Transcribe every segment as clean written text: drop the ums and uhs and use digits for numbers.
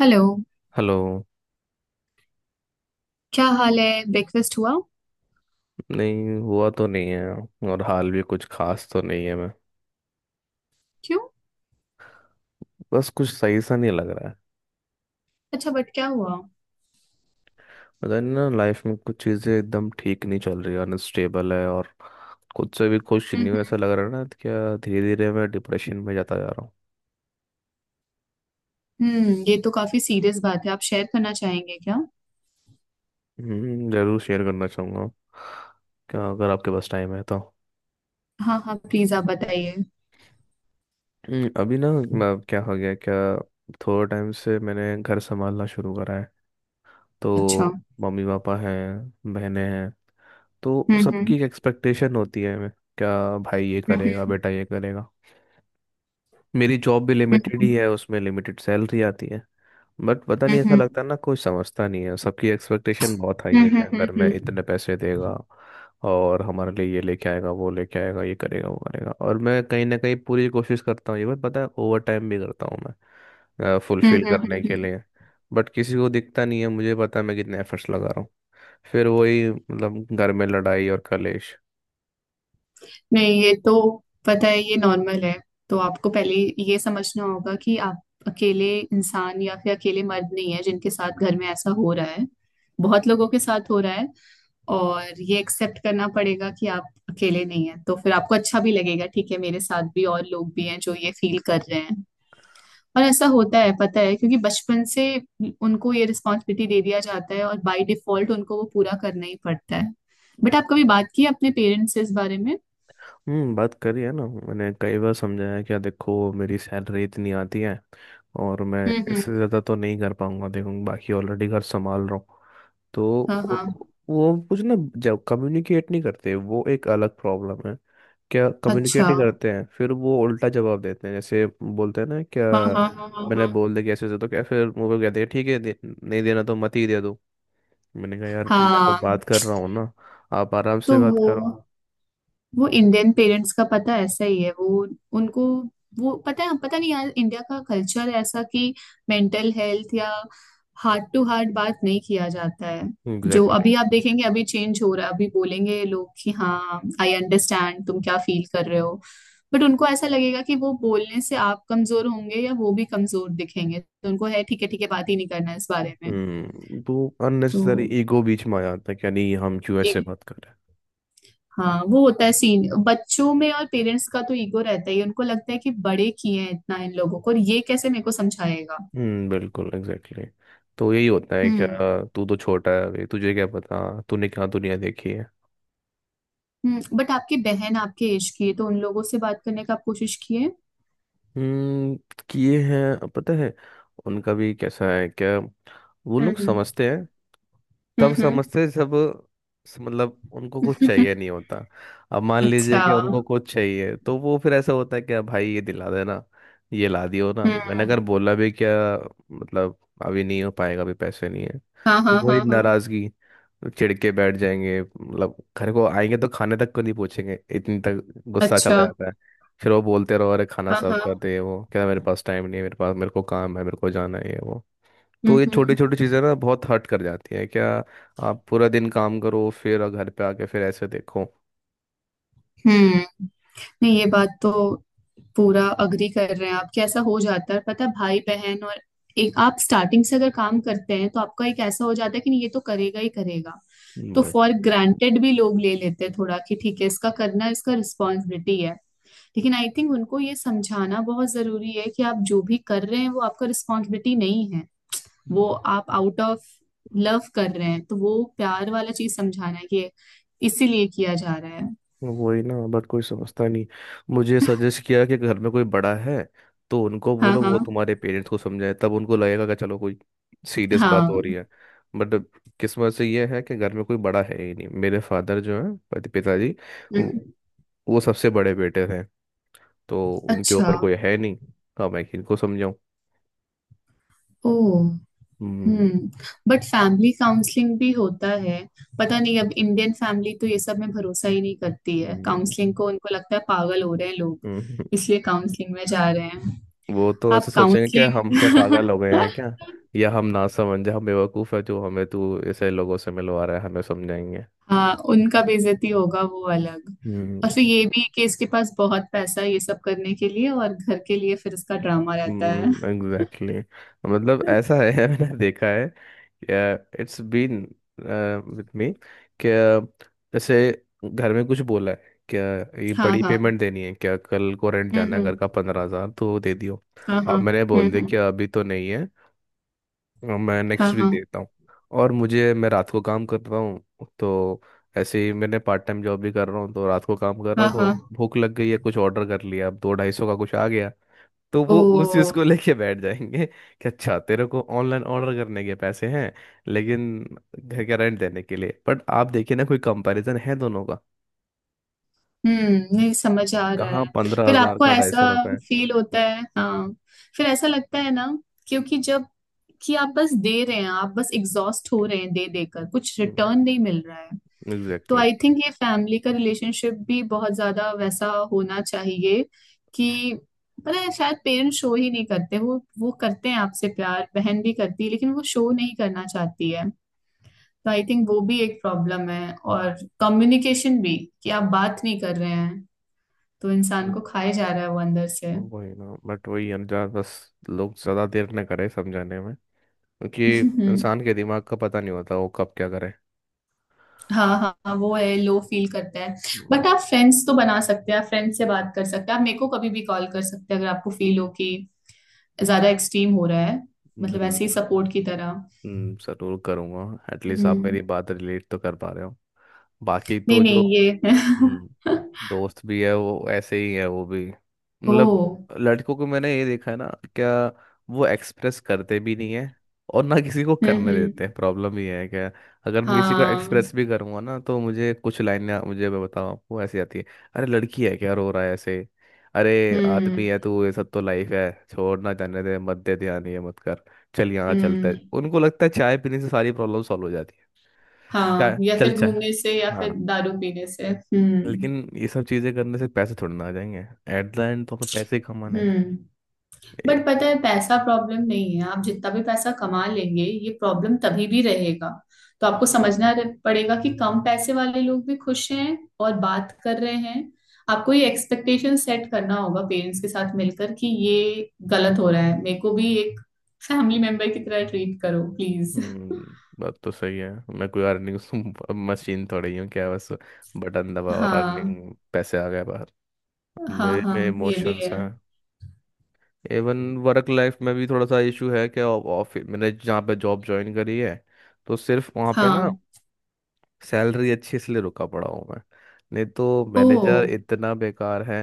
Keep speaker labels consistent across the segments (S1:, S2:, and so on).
S1: Hello.
S2: Hello.
S1: क्या हाल है? ब्रेकफास्ट हुआ?
S2: नहीं हुआ तो नहीं है, और हाल भी कुछ खास तो नहीं है। मैं
S1: क्यों?
S2: बस कुछ सही सा नहीं लग रहा है।
S1: अच्छा, बट क्या हुआ?
S2: पता नहीं ना, लाइफ में कुछ चीज़ें एकदम ठीक नहीं चल रही, अनस्टेबल है। और खुद से भी खुश नहीं हूँ,
S1: हम्म।
S2: ऐसा लग रहा है ना, तो क्या धीरे धीरे मैं डिप्रेशन में जाता जा रहा हूँ।
S1: हम्म। ये तो काफी सीरियस बात है। आप शेयर करना चाहेंगे क्या?
S2: जरूर शेयर करना चाहूँगा क्या, अगर आपके पास टाइम है तो।
S1: हाँ, हाँ, प्लीज आप बताइए।
S2: अभी ना क्या हो गया क्या। थोड़े टाइम से मैंने घर संभालना शुरू करा है।
S1: अच्छा।
S2: तो मम्मी पापा हैं, बहनें हैं। तो
S1: हम्म। हम्म।
S2: सबकी एक्सपेक्टेशन होती है मैं क्या, भाई ये करेगा,
S1: हम्म।
S2: बेटा ये करेगा। मेरी जॉब भी लिमिटेड ही है, उसमें लिमिटेड सैलरी आती है। बट पता नहीं
S1: हम्म।
S2: ऐसा
S1: हम्म।
S2: लगता है ना, कोई समझता नहीं है। सबकी एक्सपेक्टेशन बहुत हाई
S1: हम्म।
S2: है
S1: हम्म।
S2: क्या,
S1: हम्म। हम्म।
S2: घर
S1: हम्म।
S2: में इतने
S1: हम्म।
S2: पैसे देगा, और हमारे लिए ये लेके आएगा, वो लेके आएगा, ये करेगा, वो करेगा। और मैं कहीं ना कहीं पूरी कोशिश करता हूँ, ये बात पता है, ओवर टाइम भी करता हूँ मैं
S1: हम्म,
S2: फुलफिल
S1: हम्म, हम्म,
S2: करने के
S1: हम्म।
S2: लिए। बट किसी को दिखता नहीं है, मुझे पता है मैं कितने एफर्ट्स लगा रहा हूँ। फिर वही मतलब, घर में लड़ाई और कलेश।
S1: नहीं, ये तो पता है, ये नॉर्मल है। तो आपको पहले ये समझना होगा कि आप अकेले इंसान या फिर अकेले मर्द नहीं है जिनके साथ घर में ऐसा हो रहा है। बहुत लोगों के साथ हो रहा है। और ये एक्सेप्ट करना पड़ेगा कि आप अकेले नहीं हैं, तो फिर आपको अच्छा भी लगेगा। ठीक है, मेरे साथ भी और लोग भी हैं जो ये फील कर रहे हैं। और ऐसा होता है, पता है, क्योंकि बचपन से उनको ये रिस्पॉन्सिबिलिटी दे दिया जाता है और बाय डिफॉल्ट उनको वो पूरा करना ही पड़ता है। बट आप कभी बात की है अपने पेरेंट्स से इस बारे में?
S2: हम्म, बात करी है ना, मैंने कई बार समझाया है कि देखो मेरी सैलरी इतनी आती है, और मैं
S1: हम्म। हम्म।
S2: इससे ज़्यादा तो नहीं कर पाऊंगा, देखो बाकी ऑलरेडी घर संभाल रहा हूँ। तो
S1: हाँ,
S2: वो
S1: हाँ।
S2: वो कुछ ना, जब कम्युनिकेट नहीं करते, वो एक अलग प्रॉब्लम है क्या, कम्युनिकेट
S1: अच्छा।
S2: नहीं करते हैं, फिर वो उल्टा जवाब देते हैं, जैसे बोलते हैं ना क्या,
S1: हाँ, हाँ, हाँ, हाँ,
S2: मैंने
S1: हाँ,
S2: बोल दिया कैसे से, तो क्या फिर वो लोग कहते हैं, ठीक है दे, नहीं देना तो मत ही दे दो। मैंने कहा यार, मैं तो
S1: हाँ।
S2: बात कर रहा हूँ ना, आप आराम से
S1: तो
S2: बात
S1: वो
S2: करो।
S1: वो इंडियन पेरेंट्स का पता ऐसा ही है। वो उनको, वो पता है, पता नहीं यार, इंडिया का कल्चर ऐसा कि मेंटल हेल्थ या हार्ट टू हार्ट बात नहीं किया जाता है। जो
S2: एग्जैक्टली।
S1: अभी आप देखेंगे, अभी चेंज हो रहा है। अभी बोलेंगे लोग कि हाँ, आई अंडरस्टैंड तुम क्या फील कर रहे हो। बट उनको ऐसा लगेगा कि वो बोलने से आप कमजोर होंगे या वो भी कमजोर दिखेंगे, तो उनको है ठीक है, ठीक है, बात ही नहीं करना इस बारे में।
S2: हम्म, तो
S1: तो
S2: अननेसेसरी ईगो बीच में आ जाता है कि नहीं, हम क्यों
S1: ये
S2: ऐसे बात कर रहे हैं।
S1: हाँ, वो होता है सीन बच्चों में, और पेरेंट्स का तो ईगो रहता ही है। उनको लगता है कि बड़े किए हैं इतना इन लोगों को, और ये कैसे मेरे को समझाएगा।
S2: हम्म, बिल्कुल एग्जैक्टली exactly। तो यही होता है क्या,
S1: हम्म।
S2: तू तो छोटा है अभी, तुझे क्या पता, तूने क्या दुनिया देखी है।
S1: हम्म। बट आपकी बहन आपके एज की है, तो उन लोगों से बात करने का आप कोशिश किए?
S2: हम्म, किए हैं पता है। उनका भी कैसा है क्या, वो लोग
S1: हम्म।
S2: समझते हैं,
S1: हम्म।
S2: तब
S1: हम्म।
S2: समझते सब। मतलब उनको कुछ
S1: हम्म।
S2: चाहिए नहीं होता। अब मान लीजिए
S1: अच्छा।
S2: कि उनको कुछ चाहिए, तो वो फिर ऐसा होता है कि "अब भाई ये दिला देना, ये ला दियो ना"।
S1: हम्म।
S2: मैंने अगर बोला भी क्या, मतलब अभी नहीं हो पाएगा, अभी पैसे नहीं है,
S1: हाँ, हाँ,
S2: वही
S1: हाँ, हाँ।
S2: नाराजगी। चिढ़ के बैठ जाएंगे, मतलब घर को आएंगे तो खाने तक को नहीं पूछेंगे, इतनी तक गुस्सा
S1: अच्छा।
S2: चला जाता है। फिर वो बोलते रहो अरे खाना
S1: हाँ,
S2: सर्व
S1: हाँ।
S2: कर दे, वो क्या मेरे पास टाइम नहीं है, मेरे पास, मेरे को काम है, मेरे को जाना है, ये वो। तो
S1: हम्म।
S2: ये छोटी
S1: हम्म।
S2: छोटी चीज़ें ना बहुत हर्ट कर जाती हैं क्या, आप पूरा दिन काम करो, फिर और घर पे आके फिर ऐसे देखो।
S1: हम्म, नहीं, ये बात तो पूरा अग्री कर रहे हैं आप कि ऐसा हो जाता है। पता है, भाई बहन, और एक आप स्टार्टिंग से अगर काम करते हैं, तो आपका एक ऐसा हो जाता है कि नहीं ये तो करेगा ही करेगा। तो
S2: वही,
S1: फॉर ग्रांटेड भी लोग ले लेते हैं थोड़ा कि ठीक है, इसका करना, इसका रिस्पॉन्सिबिलिटी है। लेकिन आई थिंक उनको ये समझाना बहुत जरूरी है कि आप जो भी कर रहे हैं वो आपका रिस्पॉन्सिबिलिटी नहीं है। वो आप आउट ऑफ लव कर रहे हैं, तो वो प्यार वाला चीज समझाना है कि इसीलिए किया जा रहा है।
S2: वही ना, बट कोई समझता नहीं। मुझे सजेस्ट किया कि घर में कोई बड़ा है तो उनको
S1: हाँ,
S2: बोलो, वो
S1: हाँ,
S2: तुम्हारे पेरेंट्स को समझाए, तब उनको लगेगा कि चलो कोई सीरियस बात हो
S1: हाँ।
S2: रही है। बट किस्मत से ये है कि घर में कोई बड़ा है ही नहीं। मेरे फादर जो है, पति पिताजी, वो
S1: हम्म,
S2: वो सबसे बड़े बेटे थे, तो उनके
S1: अच्छा।
S2: ऊपर कोई है नहीं। अब मैं किनको समझाऊं।
S1: ओ। हम्म
S2: हम्म,
S1: बट फैमिली काउंसलिंग भी होता है। पता नहीं, अब इंडियन फैमिली तो ये सब में भरोसा ही नहीं करती है
S2: हम्म,
S1: काउंसलिंग को, उनको लगता है पागल हो रहे हैं लोग,
S2: हम्म, हम्म।
S1: इसलिए काउंसलिंग में जा रहे हैं।
S2: वो तो
S1: आप
S2: ऐसे सोचेंगे कि हम क्या
S1: काउंसलिंग
S2: पागल हो गए हैं क्या, या हम ना समझ, हम बेवकूफ़ है, जो हमें तू ऐसे लोगों से मिलवा रहा है, हमें समझाएंगे।
S1: हाँ, उनका बेइज्जती होगा वो अलग। और
S2: हम्म।
S1: फिर ये भी कि इसके पास बहुत पैसा है ये सब करने के लिए और घर के लिए, फिर इसका ड्रामा रहता है।
S2: Exactly exactly। मतलब ऐसा है मैंने देखा है। इट्स बीन विथ मी क्या, जैसे घर में कुछ बोला है क्या, ये
S1: हाँ,
S2: बड़ी
S1: हाँ।
S2: पेमेंट देनी है क्या, कल को रेंट
S1: हम्म।
S2: जाना है घर का,
S1: हम्म।
S2: 15,000 तो दे दियो।
S1: हाँ, हाँ।
S2: अब मैंने
S1: हम्म।
S2: बोल दिया कि
S1: हम्म।
S2: अभी तो नहीं है, मैं
S1: हाँ,
S2: नेक्स्ट वीक
S1: हाँ,
S2: देखता हूँ। और मुझे, मैं रात को काम करता हूँ तो, ऐसे ही मैंने पार्ट टाइम जॉब भी कर रहा हूँ, तो रात को काम कर रहा
S1: हाँ,
S2: हूँ, तो
S1: हाँ।
S2: भूख लग गई है, कुछ ऑर्डर कर लिया, अब दो 250 का कुछ आ गया। तो
S1: ओ।
S2: वो उस चीज़ को लेके बैठ जाएंगे कि अच्छा, तेरे को ऑनलाइन ऑर्डर करने के पैसे हैं, लेकिन घर का रेंट देने के लिए? बट आप देखिए ना, कोई कंपैरिजन है दोनों का,
S1: नहीं समझ आ रहा
S2: कहाँ
S1: है।
S2: पंद्रह
S1: फिर
S2: हजार
S1: आपको
S2: का 250
S1: ऐसा
S2: रुपये।
S1: फील होता है? हाँ, फिर ऐसा लगता है ना, क्योंकि जब कि आप बस दे रहे हैं, आप बस एग्जॉस्ट हो रहे हैं दे देकर, कुछ रिटर्न नहीं मिल रहा है। तो
S2: एग्जैक्टली।
S1: आई थिंक ये फैमिली का रिलेशनशिप भी बहुत ज्यादा वैसा होना चाहिए कि पता है, शायद पेरेंट्स शो ही नहीं करते, वो करते हैं आपसे प्यार, बहन भी करती है लेकिन वो शो नहीं करना चाहती है। तो आई थिंक वो भी एक प्रॉब्लम है, और कम्युनिकेशन भी, कि आप बात नहीं कर रहे हैं, तो इंसान को खाए जा रहा है वो अंदर से।
S2: वही ना, बट वही अंजार बस, लोग ज़्यादा देर न करे समझाने में, क्योंकि
S1: हम्म,
S2: इंसान के दिमाग का पता नहीं होता, वो कब क्या करे।
S1: हाँ, हाँ, हाँ, वो है लो फील करता है।
S2: हम्म,
S1: बट आप फ्रेंड्स तो बना सकते हैं, आप फ्रेंड्स से बात कर सकते हैं, आप मेरे को कभी भी कॉल कर सकते हैं अगर आपको फील हो कि ज्यादा एक्सट्रीम हो रहा है,
S2: जी,
S1: मतलब ऐसे ही सपोर्ट की तरह।
S2: जरूर करूँगा। एटलीस्ट आप
S1: हम्म।
S2: मेरी बात रिलेट तो कर पा रहे हो, बाकी
S1: नहीं,
S2: तो जो।
S1: नहीं,
S2: हम्म।
S1: ये
S2: दोस्त भी है, वो ऐसे ही है, वो भी
S1: ओ।
S2: मतलब, लड़कों को मैंने ये देखा है ना क्या, वो एक्सप्रेस करते भी नहीं है, और ना किसी को
S1: हम्म।
S2: करने
S1: हम्म।
S2: देते हैं। प्रॉब्लम ये है क्या, अगर मैं किसी को
S1: हाँ।
S2: एक्सप्रेस भी करूंगा ना, तो मुझे कुछ लाइनें, मुझे मैं बताऊं आपको, ऐसी आती है: अरे लड़की है क्या, रो रहा है ऐसे, अरे
S1: हम्म।
S2: आदमी है तू, ये सब तो लाइफ है, छोड़ ना, जाने दे, मत दे ध्यान, ये मत कर, चल यहाँ चलते हैं।
S1: हम्म।
S2: उनको लगता है चाय पीने से सारी प्रॉब्लम सॉल्व हो जाती है।
S1: हाँ,
S2: चाय,
S1: या
S2: चल
S1: फिर
S2: चाय।
S1: घूमने से या
S2: हाँ,
S1: फिर दारू पीने से। हम्म।
S2: लेकिन ये सब चीजें करने से पैसे थोड़ी ना आ जाएंगे, एट द एंड तो हमें पैसे ही कमाने हैं।
S1: हम्म
S2: ए-
S1: बट पता है पैसा प्रॉब्लम नहीं है, आप जितना भी पैसा कमा लेंगे ये प्रॉब्लम तभी भी रहेगा। तो आपको समझना पड़ेगा कि कम पैसे वाले लोग भी खुश हैं और बात कर रहे हैं। आपको ये एक्सपेक्टेशन सेट करना होगा पेरेंट्स के साथ मिलकर कि ये गलत हो रहा है, मेरे को भी एक फैमिली मेंबर की तरह ट्रीट करो प्लीज।
S2: हम्म, बात तो सही है। मैं कोई अर्निंग मशीन थोड़ी हूँ क्या, बस बटन दबा और
S1: हाँ,
S2: अर्निंग पैसे आ गए बाहर।
S1: हाँ।
S2: मेरे
S1: हाँ,
S2: में
S1: ये भी
S2: इमोशंस
S1: है।
S2: हैं। इवन वर्क लाइफ में भी थोड़ा सा इशू है, कि ऑफिस मैंने जहाँ पे जॉब ज्वाइन करी है, तो सिर्फ वहाँ पे ना
S1: हाँ।
S2: सैलरी अच्छी इसलिए रुका पड़ा हूँ मैं, नहीं तो
S1: ओ।
S2: मैनेजर इतना बेकार है।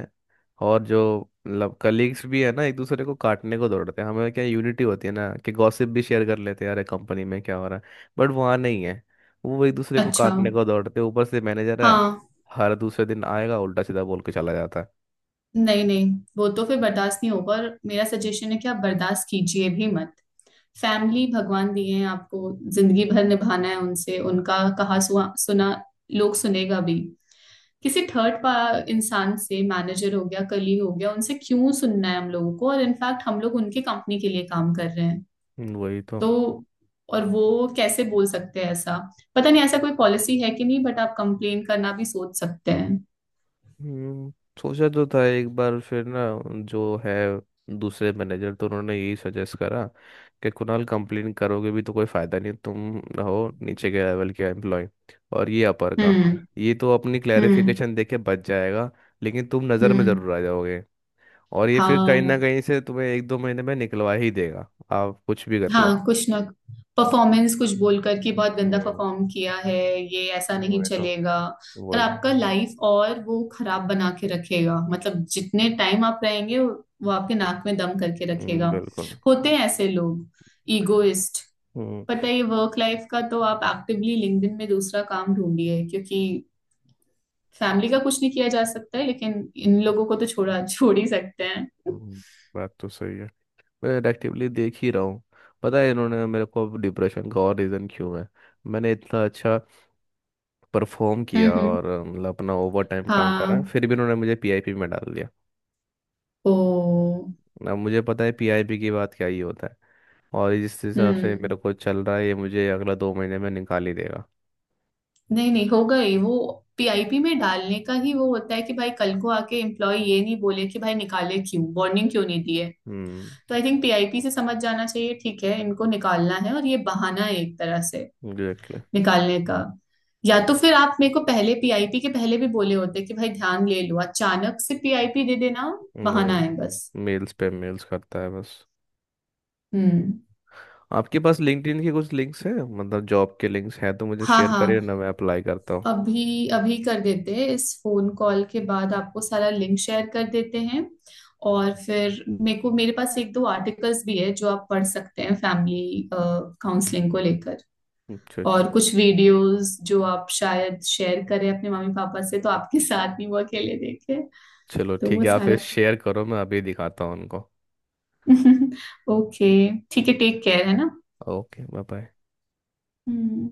S2: और जो, मतलब कलीग्स भी है ना, एक दूसरे को काटने को दौड़ते हैं। हमें क्या यूनिटी होती है ना कि गॉसिप भी शेयर कर लेते हैं यार, कंपनी में क्या हो रहा है, बट वहाँ नहीं है। वो एक दूसरे को
S1: अच्छा।
S2: काटने को दौड़ते हैं, ऊपर से मैनेजर है,
S1: हाँ।
S2: हर दूसरे दिन आएगा, उल्टा सीधा बोल के चला जाता है।
S1: नहीं, नहीं, वो तो फिर बर्दाश्त नहीं होगा, और मेरा सजेशन है कि आप बर्दाश्त कीजिए भी मत। फैमिली भगवान दिए हैं, आपको जिंदगी भर निभाना है उनसे, उनका कहा सुआ, सुना लोग सुनेगा भी, किसी थर्ड पा इंसान से, मैनेजर हो गया कली हो गया, उनसे क्यों सुनना है हम लोगों को, और इनफैक्ट हम लोग उनके कंपनी के लिए काम कर रहे हैं।
S2: वही तो।
S1: तो और वो कैसे बोल सकते हैं ऐसा? पता नहीं ऐसा कोई पॉलिसी है कि नहीं, बट आप कंप्लेन करना भी सोच सकते हैं।
S2: हम्म, सोचा तो था एक बार, फिर ना जो है दूसरे मैनेजर, तो उन्होंने यही सजेस्ट करा कि कुणाल, कंप्लेन करोगे भी तो कोई फायदा नहीं, तुम हो नीचे के लेवल के एम्प्लॉय, और ये अपर का,
S1: हम्म।
S2: ये तो अपनी
S1: हम्म।
S2: क्लैरिफिकेशन दे के बच जाएगा, लेकिन तुम नज़र में
S1: हम्म।
S2: ज़रूर आ जाओगे, और ये फिर कहीं ना
S1: हाँ,
S2: कहीं से तुम्हें एक दो महीने में निकलवा ही देगा, आप कुछ भी कर लो।
S1: हाँ, कुछ ना, परफॉर्मेंस कुछ बोल कर कि बहुत गंदा
S2: हम्म,
S1: परफॉर्म किया है, ये ऐसा नहीं
S2: वही तो,
S1: चलेगा। और
S2: वही।
S1: आपका लाइफ और वो खराब बना के रखेगा, मतलब जितने टाइम आप रहेंगे वो आपके नाक में दम करके रखेगा।
S2: बिल्कुल।
S1: होते हैं ऐसे लोग, ईगोइस्ट।
S2: हम्म।
S1: पता है, ये वर्क लाइफ का, तो आप एक्टिवली लिंक्डइन में दूसरा काम ढूंढिए, क्योंकि फैमिली का कुछ नहीं किया जा सकता है लेकिन इन लोगों को तो छोड़ा, छोड़ ही सकते हैं।
S2: हम्म, बात तो सही है, मैं एक्टिवली देख ही रहा हूँ। पता है इन्होंने मेरे को डिप्रेशन का और रीज़न क्यों है, मैंने इतना अच्छा परफॉर्म
S1: हम्म।
S2: किया
S1: हम्म।
S2: और मतलब अपना ओवर टाइम काम
S1: हाँ।
S2: करा, फिर भी इन्होंने मुझे पीआईपी में डाल दिया।
S1: ओ।
S2: अब मुझे पता है पीआईपी की बात क्या ही होता है, और जिस हिसाब से
S1: हम्म
S2: मेरे को चल रहा है, ये मुझे अगला 2 महीने में निकाल ही देगा।
S1: नहीं, नहीं होगा ही वो। पीआईपी में डालने का ही वो होता है कि भाई कल को आके एम्प्लॉय ये नहीं बोले कि भाई निकाले क्यों, वार्निंग क्यों नहीं दी है।
S2: हम्म।
S1: तो आई थिंक पीआईपी से समझ जाना चाहिए, ठीक है इनको निकालना है और ये बहाना है एक तरह से
S2: एग्जैक्टली।
S1: निकालने का। या तो फिर आप मेरे को पहले, पीआईपी के पहले भी बोले होते कि भाई ध्यान ले लो, अचानक से पीआईपी दे देना बहाना
S2: वही,
S1: है बस।
S2: मेल्स पे मेल्स करता है बस।
S1: हम्म।
S2: आपके पास लिंक्डइन के कुछ लिंक्स हैं, मतलब जॉब के लिंक्स हैं, तो मुझे
S1: हाँ,
S2: शेयर करिए
S1: हाँ,
S2: ना, मैं अप्लाई करता हूँ।
S1: अभी अभी कर देते हैं। इस फोन कॉल के बाद आपको सारा लिंक शेयर कर देते हैं। और फिर मेरे को, मेरे पास एक दो आर्टिकल्स भी है जो आप पढ़ सकते हैं फैमिली काउंसलिंग को लेकर,
S2: अच्छा
S1: और
S2: अच्छा।
S1: कुछ वीडियोस जो आप शायद शेयर करें अपने मम्मी पापा से, तो आपके साथ नहीं वो अकेले देखे।
S2: चलो
S1: तो
S2: ठीक
S1: वो
S2: है, आप फिर
S1: सारा
S2: शेयर करो, मैं अभी दिखाता हूँ उनको।
S1: ओके, ठीक है, टेक केयर है ना।
S2: Okay, bye bye.
S1: हम्म।